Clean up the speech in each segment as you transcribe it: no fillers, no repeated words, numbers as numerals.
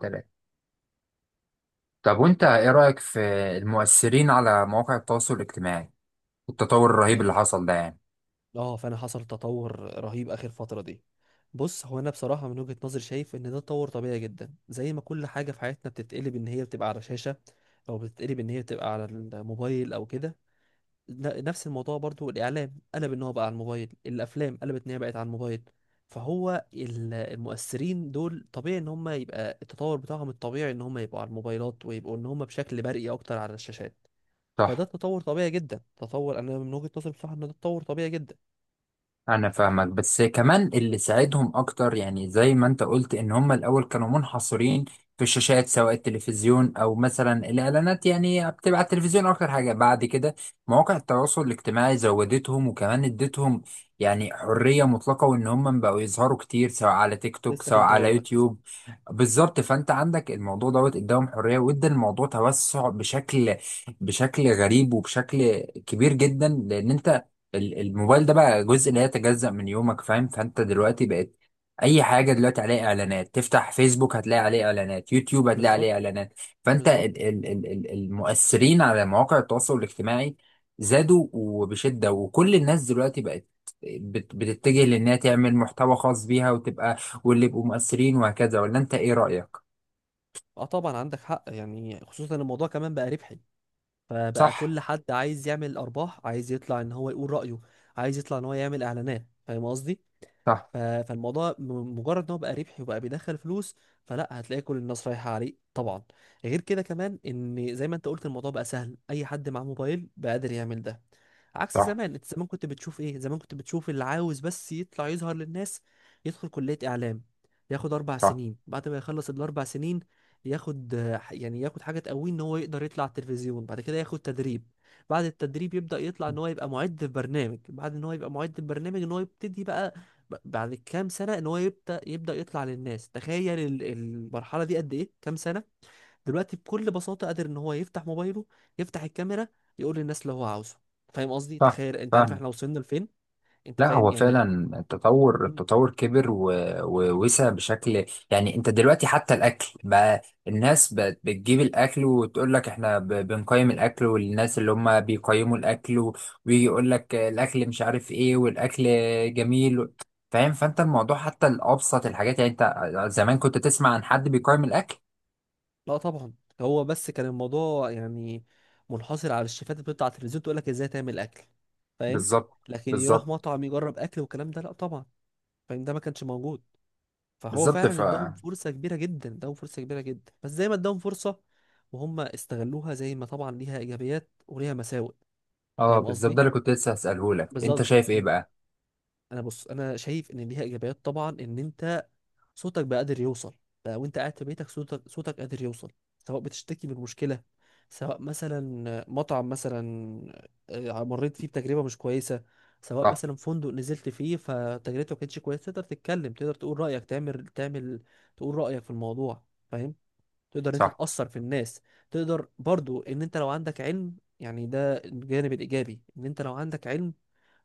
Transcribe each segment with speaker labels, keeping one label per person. Speaker 1: تمام. طب وانت ايه رأيك في المؤثرين على مواقع التواصل الاجتماعي والتطور الرهيب اللي
Speaker 2: اه.
Speaker 1: حصل ده يعني؟
Speaker 2: فانا حصل تطور رهيب اخر فتره دي. بص هو انا بصراحه من وجهه نظري شايف ان ده تطور طبيعي جدا، زي ما كل حاجه في حياتنا بتتقلب ان هي بتبقى على شاشه او بتتقلب ان هي بتبقى على الموبايل او كده. نفس الموضوع برضو، الاعلام قلب ان هو بقى على الموبايل، الافلام قلبت ان هي بقت على الموبايل. فهو المؤثرين دول طبيعي ان هم يبقى التطور بتاعهم الطبيعي ان هم يبقوا على الموبايلات ويبقوا ان هم بشكل برئي اكتر على الشاشات. فده
Speaker 1: صح.
Speaker 2: تطور طبيعي جدا، تطور، انا من وجهة نظري بصراحة ان ده تطور طبيعي جدا.
Speaker 1: انا فاهمك، بس كمان اللي ساعدهم اكتر، يعني زي ما انت قلت، ان هم الاول كانوا منحصرين في الشاشات، سواء التلفزيون او مثلا الاعلانات، يعني بتبقى على التلفزيون اكتر حاجة. بعد كده مواقع التواصل الاجتماعي زودتهم، وكمان ادتهم يعني حرية مطلقة، وان هم بقوا يظهروا كتير سواء على تيك توك
Speaker 2: لسه
Speaker 1: سواء
Speaker 2: كنت
Speaker 1: على
Speaker 2: هقول لك صح.
Speaker 1: يوتيوب. بالظبط. فانت عندك الموضوع دوت اداهم حرية، وادى الموضوع توسع بشكل غريب، وبشكل كبير جدا. لان انت الموبايل ده بقى جزء لا يتجزأ من يومك، فاهم؟ فانت دلوقتي بقت اي حاجه دلوقتي عليها اعلانات. تفتح فيسبوك هتلاقي عليه اعلانات، يوتيوب هتلاقي عليه
Speaker 2: بالظبط.
Speaker 1: اعلانات. فانت
Speaker 2: بالظبط.
Speaker 1: ال ال ال ال المؤثرين على مواقع التواصل الاجتماعي زادوا وبشده. وكل الناس دلوقتي بقت بتتجه لانها تعمل محتوى خاص بيها، وتبقى واللي يبقوا مؤثرين وهكذا. ولا انت ايه رأيك؟
Speaker 2: اه طبعا عندك حق، يعني خصوصا إن الموضوع كمان بقى ربحي، فبقى
Speaker 1: صح،
Speaker 2: كل حد عايز يعمل ارباح، عايز يطلع ان هو يقول رأيه، عايز يطلع ان هو يعمل اعلانات، فاهم قصدي؟
Speaker 1: صح،
Speaker 2: فالموضوع مجرد ان هو بقى ربحي وبقى بيدخل فلوس، فلا هتلاقي كل الناس رايحه عليه طبعا. غير كده كمان، ان زي ما انت قلت الموضوع بقى سهل، اي حد معاه موبايل بقى قادر يعمل ده، عكس
Speaker 1: صح،
Speaker 2: زمان. انت زمان كنت بتشوف ايه؟ زمان كنت بتشوف اللي عاوز بس يطلع يظهر للناس يدخل كليه اعلام، ياخد اربع
Speaker 1: صح،
Speaker 2: سنين، بعد ما يخلص الاربع سنين ياخد يعني ياخد حاجه تقويه ان هو يقدر يطلع على التلفزيون، بعد كده ياخد تدريب، بعد التدريب يبدا يطلع ان هو يبقى معد في برنامج، بعد ان هو يبقى معد في برنامج ان هو يبتدي بقى، بعد كام سنة ان هو يبدأ يطلع للناس. تخيل المرحلة دي قد ايه، كام سنة. دلوقتي بكل بساطة قادر ان هو يفتح موبايله، يفتح الكاميرا، يقول للناس اللي هو عاوزه. فاهم قصدي؟
Speaker 1: صح،
Speaker 2: تخيل. انت عارف
Speaker 1: فاهمك.
Speaker 2: احنا وصلنا لفين؟ انت
Speaker 1: لا،
Speaker 2: فاهم
Speaker 1: هو
Speaker 2: يعني.
Speaker 1: فعلا التطور
Speaker 2: مم.
Speaker 1: التطور كبر ووسع بشكل. يعني انت دلوقتي حتى الاكل بقى الناس بقت بتجيب الاكل وتقول لك احنا بنقيم الاكل، والناس اللي هم بيقيموا الاكل ويجي يقول لك الاكل مش عارف ايه، والاكل جميل. فاهم؟ فانت الموضوع حتى الابسط الحاجات. يعني انت زمان كنت تسمع عن حد بيقيم الاكل؟
Speaker 2: لا طبعا. هو بس كان الموضوع يعني منحصر على الشيفات اللي بتطلع على التلفزيون تقول لك ازاي تعمل اكل، فاهم؟
Speaker 1: بالظبط،
Speaker 2: لكن يروح
Speaker 1: بالظبط،
Speaker 2: مطعم يجرب اكل والكلام ده، لا طبعا. فاهم، ده ما كانش موجود. فهو
Speaker 1: بالظبط.
Speaker 2: فعلا اداهم فرصة كبيرة جدا، اداهم فرصة كبيرة جدا، بس زي ما اداهم فرصة، وهم استغلوها. زي ما طبعا ليها ايجابيات وليها مساوئ،
Speaker 1: اه،
Speaker 2: فاهم
Speaker 1: بالظبط،
Speaker 2: قصدي؟
Speaker 1: ده اللي كنت لسه هسأله لك. انت
Speaker 2: بالظبط.
Speaker 1: شايف ايه
Speaker 2: مم.
Speaker 1: بقى؟
Speaker 2: انا بص، انا شايف ان ليها ايجابيات طبعا، ان انت صوتك بقى قادر يوصل، بقى وانت قاعد في بيتك صوتك صوتك قادر يوصل، سواء بتشتكي من مشكلة، سواء مثلا مطعم، مثلا مريت فيه بتجربة مش كويسة، سواء
Speaker 1: صح.
Speaker 2: مثلا فندق نزلت فيه فتجربته ما كانتش كويسة، تقدر تتكلم، تقدر تقول رأيك، تعمل تقول رأيك في الموضوع، فاهم؟ تقدر إن انت
Speaker 1: صح.
Speaker 2: تأثر في الناس، تقدر برضو ان انت لو عندك علم، يعني ده الجانب الإيجابي، ان انت لو عندك علم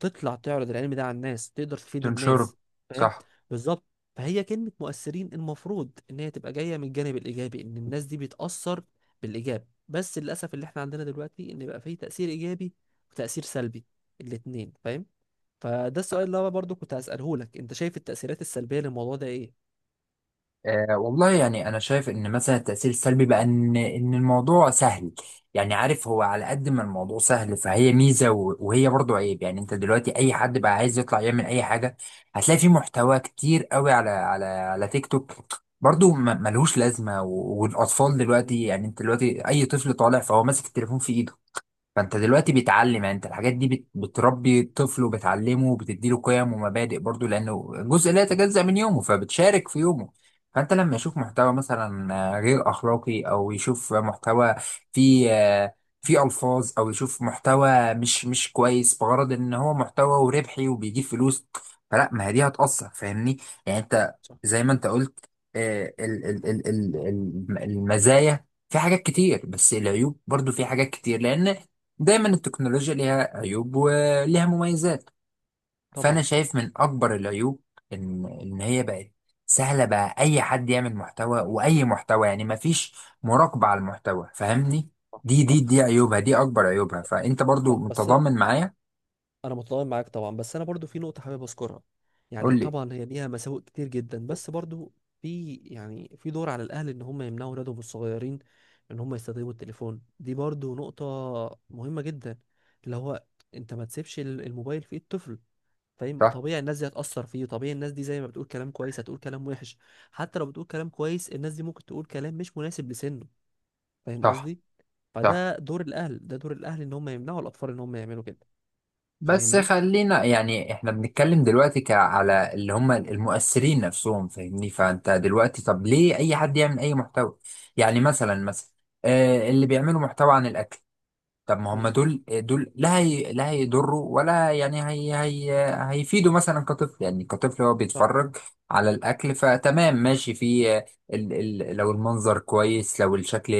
Speaker 2: تطلع تعرض العلم ده على الناس، تقدر تفيد
Speaker 1: تنشره.
Speaker 2: الناس، فاهم؟
Speaker 1: صح.
Speaker 2: بالظبط. فهي كلمة مؤثرين المفروض ان هي تبقى جاية من الجانب الايجابي، ان الناس دي بتأثر بالايجاب، بس للاسف اللي احنا عندنا دلوقتي ان بقى فيه تأثير ايجابي وتأثير سلبي، الاتنين، فاهم؟ فده السؤال اللي انا برضو كنت هسأله لك، انت شايف التأثيرات السلبية للموضوع ده ايه؟
Speaker 1: أه والله، يعني انا شايف ان مثلا التاثير السلبي بقى ان الموضوع سهل. يعني عارف، هو على قد ما الموضوع سهل فهي ميزه، وهي برضو عيب. يعني انت دلوقتي اي حد بقى عايز يطلع يعمل اي حاجه. هتلاقي في محتوى كتير قوي على تيك توك، برضو ملهوش لازمه. والاطفال
Speaker 2: مم.
Speaker 1: دلوقتي، يعني انت دلوقتي اي طفل طالع فهو ماسك التليفون في ايده. فانت دلوقتي
Speaker 2: مم.
Speaker 1: بيتعلم، يعني انت الحاجات دي بتربي الطفل وبتعلمه وبتديله قيم ومبادئ، برضو لانه جزء لا يتجزأ من يومه فبتشارك في يومه. فانت لما
Speaker 2: صح.
Speaker 1: يشوف محتوى مثلا غير اخلاقي، او يشوف محتوى فيه آه، فيه الفاظ، او يشوف محتوى مش كويس بغرض ان هو محتوى وربحي وبيجيب فلوس. فلا، ما هي دي هتأثر، فاهمني؟ يعني انت
Speaker 2: صح
Speaker 1: زي ما انت قلت، المزايا في حاجات كتير، بس العيوب برضو في حاجات كتير، لان دايما التكنولوجيا ليها عيوب وليها مميزات. فانا
Speaker 2: طبعا.
Speaker 1: شايف من اكبر العيوب ان هي بقت سهله. بقى اي حد يعمل محتوى واي محتوى، يعني مفيش مراقبه على المحتوى، فاهمني؟
Speaker 2: صح.
Speaker 1: دي دي
Speaker 2: صح.
Speaker 1: دي عيوبها، دي اكبر عيوبها. فانت برضو
Speaker 2: صح. بس
Speaker 1: متضامن معايا؟
Speaker 2: انا متضامن معاك طبعا، بس انا برضو في نقطه حابب اذكرها. يعني
Speaker 1: قول لي.
Speaker 2: طبعا هي ليها مساوئ كتير جدا، بس برضو في، يعني في دور على الاهل ان هم يمنعوا اولادهم الصغيرين ان هم يستخدموا التليفون، دي برضو نقطه مهمه جدا. اللي هو انت ما تسيبش الموبايل في ايد طفل، فاهم؟
Speaker 1: صح.
Speaker 2: طبيعي الناس دي هتأثر فيه، طبيعي الناس دي زي ما بتقول كلام كويس هتقول كلام وحش، حتى لو بتقول كلام كويس الناس دي ممكن تقول كلام مش مناسب لسنه، فاهم
Speaker 1: صح.
Speaker 2: قصدي؟
Speaker 1: صح.
Speaker 2: فده دور الاهل، ده دور الاهل ان هم يمنعوا الاطفال ان هم يعملوا كده.
Speaker 1: بس
Speaker 2: فاهمني.
Speaker 1: خلينا يعني احنا بنتكلم دلوقتي على اللي هم المؤثرين نفسهم، فاهمني؟ فانت دلوقتي طب ليه اي حد يعمل اي محتوى؟ يعني مثلا اللي بيعملوا محتوى عن الاكل، طب ما
Speaker 2: مم.
Speaker 1: هم دول، لا هي لا هيضروا ولا، يعني هي هيفيدوا. مثلا كطفل، يعني كطفل هو بيتفرج على الاكل، فتمام ماشي في ال ال لو المنظر كويس، لو الشكل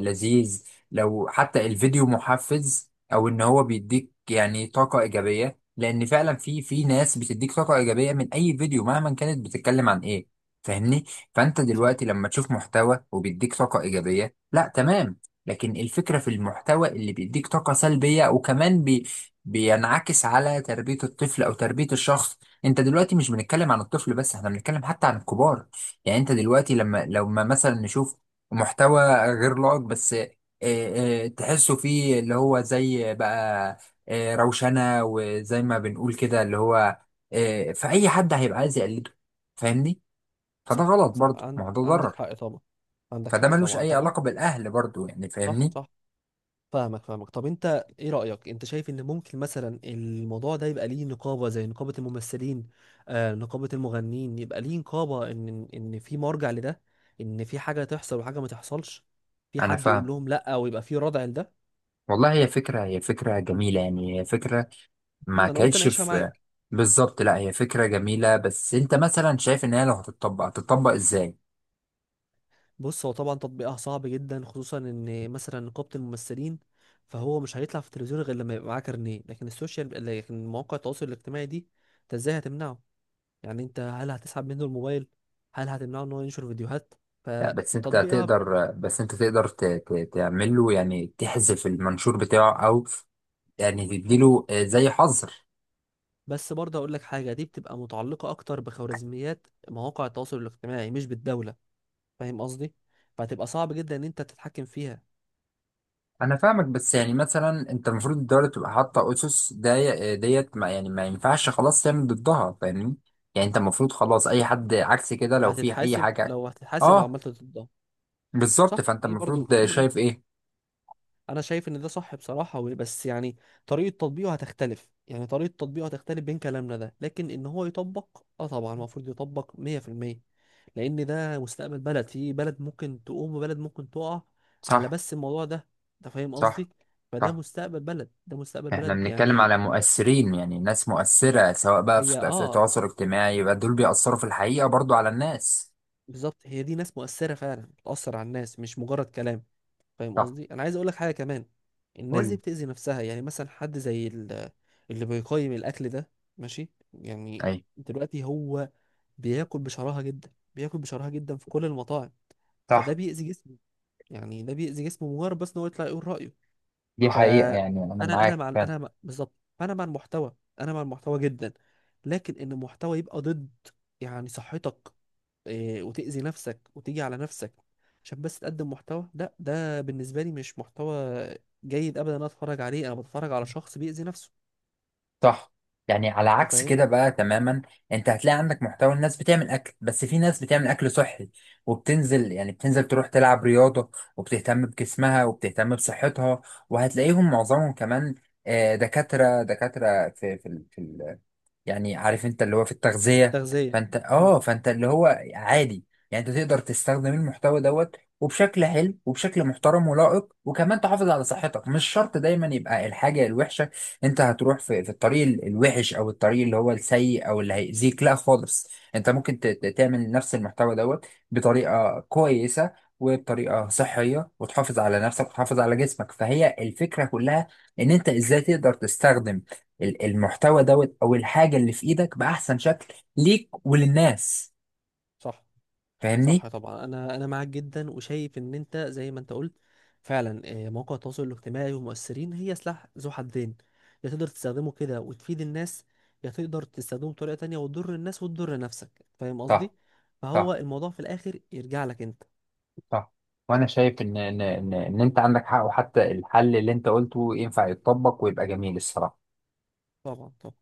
Speaker 1: لذيذ، لو حتى الفيديو محفز، او ان هو بيديك يعني طاقة ايجابية، لان فعلا في ناس بتديك طاقة ايجابية من اي فيديو مهما كانت بتتكلم عن ايه، فاهمني؟ فانت
Speaker 2: صح.
Speaker 1: دلوقتي لما تشوف محتوى وبيديك طاقة ايجابية، لا تمام. لكن الفكرة في المحتوى اللي بيديك طاقة سلبية، وكمان بينعكس على تربية الطفل أو تربية الشخص. أنت دلوقتي مش بنتكلم عن الطفل بس، احنا بنتكلم حتى عن الكبار. يعني أنت دلوقتي لما مثلا نشوف محتوى غير لائق، بس تحسه فيه اللي هو، زي بقى روشنة، وزي ما بنقول كده اللي هو، فأي حد هيبقى عايز يقلده، فاهمني؟ فده
Speaker 2: صح.
Speaker 1: غلط
Speaker 2: صح.
Speaker 1: برضه، ما هو ده
Speaker 2: عندك
Speaker 1: ضرر.
Speaker 2: حق طبعا. عندك
Speaker 1: فده
Speaker 2: حق
Speaker 1: ملوش
Speaker 2: طبعا.
Speaker 1: أي
Speaker 2: طب انت.
Speaker 1: علاقة بالأهل برضه، يعني
Speaker 2: صح.
Speaker 1: فاهمني؟
Speaker 2: صح. فاهمك، فاهمك. طب انت ايه رأيك؟ انت شايف ان ممكن مثلا الموضوع ده يبقى ليه نقابة زي نقابة الممثلين، نقابة المغنيين، يبقى ليه نقابة، ان ان إن في مرجع لده، ان في حاجة تحصل وحاجة ما تحصلش، في
Speaker 1: أنا
Speaker 2: حد
Speaker 1: فاهم.
Speaker 2: يقول لهم لا ويبقى في ردع لده.
Speaker 1: والله هي فكرة جميلة، يعني هي فكرة ما
Speaker 2: انا قلت
Speaker 1: كانتش
Speaker 2: اناقشها
Speaker 1: في.
Speaker 2: معاك.
Speaker 1: بالظبط. لا هي فكرة جميلة، بس انت مثلا شايف ان هي لو هتطبق هتطبق ازاي؟
Speaker 2: بص، هو طبعا تطبيقها صعب جدا، خصوصا ان مثلا نقابة الممثلين، فهو مش هيطلع في التلفزيون غير لما يبقى معاه كارنيه، لكن السوشيال، لكن مواقع التواصل الاجتماعي دي، انت ازاي هتمنعه؟ يعني انت هل هتسحب منه الموبايل؟ هل هتمنعه ان هو ينشر فيديوهات؟
Speaker 1: لا،
Speaker 2: فتطبيقها.
Speaker 1: بس انت تقدر تعمل له، يعني تحذف المنشور بتاعه، او يعني تديله زي حظر.
Speaker 2: بس برضه هقول لك حاجة، دي بتبقى متعلقة اكتر بخوارزميات مواقع التواصل الاجتماعي مش بالدولة، فاهم قصدي؟ فهتبقى صعب جدا ان انت تتحكم فيها.
Speaker 1: انا فاهمك، بس يعني مثلا انت المفروض الدولة تبقى حاطة اسس ديت ما، يعني ما ينفعش خلاص تعمل ضدها، فاهمني؟ يعني انت المفروض خلاص اي حد عكس كده لو في اي حاجة.
Speaker 2: هتتحاسب لو
Speaker 1: اه،
Speaker 2: عملت ضدها.
Speaker 1: بالظبط.
Speaker 2: صح.
Speaker 1: فانت
Speaker 2: ايه برضه.
Speaker 1: المفروض شايف ايه؟
Speaker 2: انا شايف ان ده صح بصراحه، بس يعني طريقه تطبيقه هتختلف، يعني طريقه تطبيقه هتختلف بين كلامنا ده، لكن ان هو يطبق، طبعا المفروض يطبق 100%، لان ده مستقبل بلد، في بلد ممكن تقوم وبلد ممكن تقع على
Speaker 1: صح.
Speaker 2: بس الموضوع ده، انت فاهم
Speaker 1: صح.
Speaker 2: قصدي؟ فده
Speaker 1: صح.
Speaker 2: مستقبل بلد، ده مستقبل
Speaker 1: احنا
Speaker 2: بلد
Speaker 1: بنتكلم
Speaker 2: يعني.
Speaker 1: على مؤثرين، يعني ناس مؤثرة، سواء بقى
Speaker 2: هي
Speaker 1: في تواصل اجتماعي، يبقى دول بيأثروا في الحقيقة برضو على الناس.
Speaker 2: بالظبط، هي دي ناس مؤثره فعلا بتاثر على الناس مش مجرد كلام، فاهم
Speaker 1: صح.
Speaker 2: قصدي؟ انا عايز اقول لك حاجه كمان،
Speaker 1: قول
Speaker 2: الناس دي
Speaker 1: لي.
Speaker 2: بتأذي نفسها، يعني مثلا حد زي اللي بيقيم الاكل ده، ماشي يعني.
Speaker 1: اي.
Speaker 2: دلوقتي هو بياكل بشراهه جدا، بياكل بشراهه جدا في كل المطاعم، فده
Speaker 1: صح.
Speaker 2: بيأذي جسمه، يعني ده بيأذي جسمه، مجرد بس ان هو يطلع يقول رأيه.
Speaker 1: دي حقيقة،
Speaker 2: فانا
Speaker 1: يعني انا
Speaker 2: انا
Speaker 1: معاك
Speaker 2: مع
Speaker 1: فعلا.
Speaker 2: انا مع بالظبط. انا مع المحتوى، انا مع المحتوى جدا. لكن ان المحتوى يبقى ضد، يعني صحتك، وتأذي نفسك وتيجي على نفسك، عشان بس تقدم محتوى، لا ده بالنسبة لي مش محتوى جيد أبدا. أنا أتفرج عليه، أنا بتفرج على شخص بيأذي نفسه.
Speaker 1: صح. يعني على
Speaker 2: أنت
Speaker 1: عكس
Speaker 2: فاهم.
Speaker 1: كده بقى تماما. انت هتلاقي عندك محتوى الناس بتعمل اكل، بس في ناس بتعمل اكل صحي وبتنزل، يعني بتنزل تروح تلعب رياضة، وبتهتم بجسمها وبتهتم بصحتها. وهتلاقيهم معظمهم كمان دكاترة يعني عارف انت اللي هو في التغذية.
Speaker 2: تغذية.
Speaker 1: فانت
Speaker 2: مم.
Speaker 1: فانت اللي هو عادي. يعني انت تقدر تستخدم المحتوى دوت وبشكل حلو وبشكل محترم ولائق، وكمان تحافظ على صحتك. مش شرط دايما يبقى الحاجة الوحشة. انت هتروح في الطريق الوحش، او الطريق اللي هو السيء او اللي هيأذيك. لا خالص، انت ممكن تعمل نفس المحتوى دوت بطريقة كويسة وبطريقة صحية، وتحافظ على نفسك وتحافظ على جسمك. فهي الفكرة كلها ان انت ازاي تقدر تستخدم المحتوى دوت او الحاجه اللي في ايدك باحسن شكل ليك وللناس،
Speaker 2: صح.
Speaker 1: فاهمني؟
Speaker 2: صح طبعا، أنا معاك جدا وشايف إن أنت زي ما أنت قلت فعلا، مواقع التواصل الاجتماعي والمؤثرين هي سلاح ذو حدين، يا تقدر تستخدمه كده وتفيد الناس، يا تقدر تستخدمه بطريقة تانية وتضر الناس وتضر نفسك، فاهم
Speaker 1: صح.
Speaker 2: قصدي؟ فهو
Speaker 1: صح.
Speaker 2: الموضوع في الآخر يرجع لك أنت.
Speaker 1: صح. وانا شايف ان إن انت عندك حق، وحتى الحل اللي انت قلته ينفع يتطبق ويبقى جميل الصراحه.
Speaker 2: طبعا طبعا.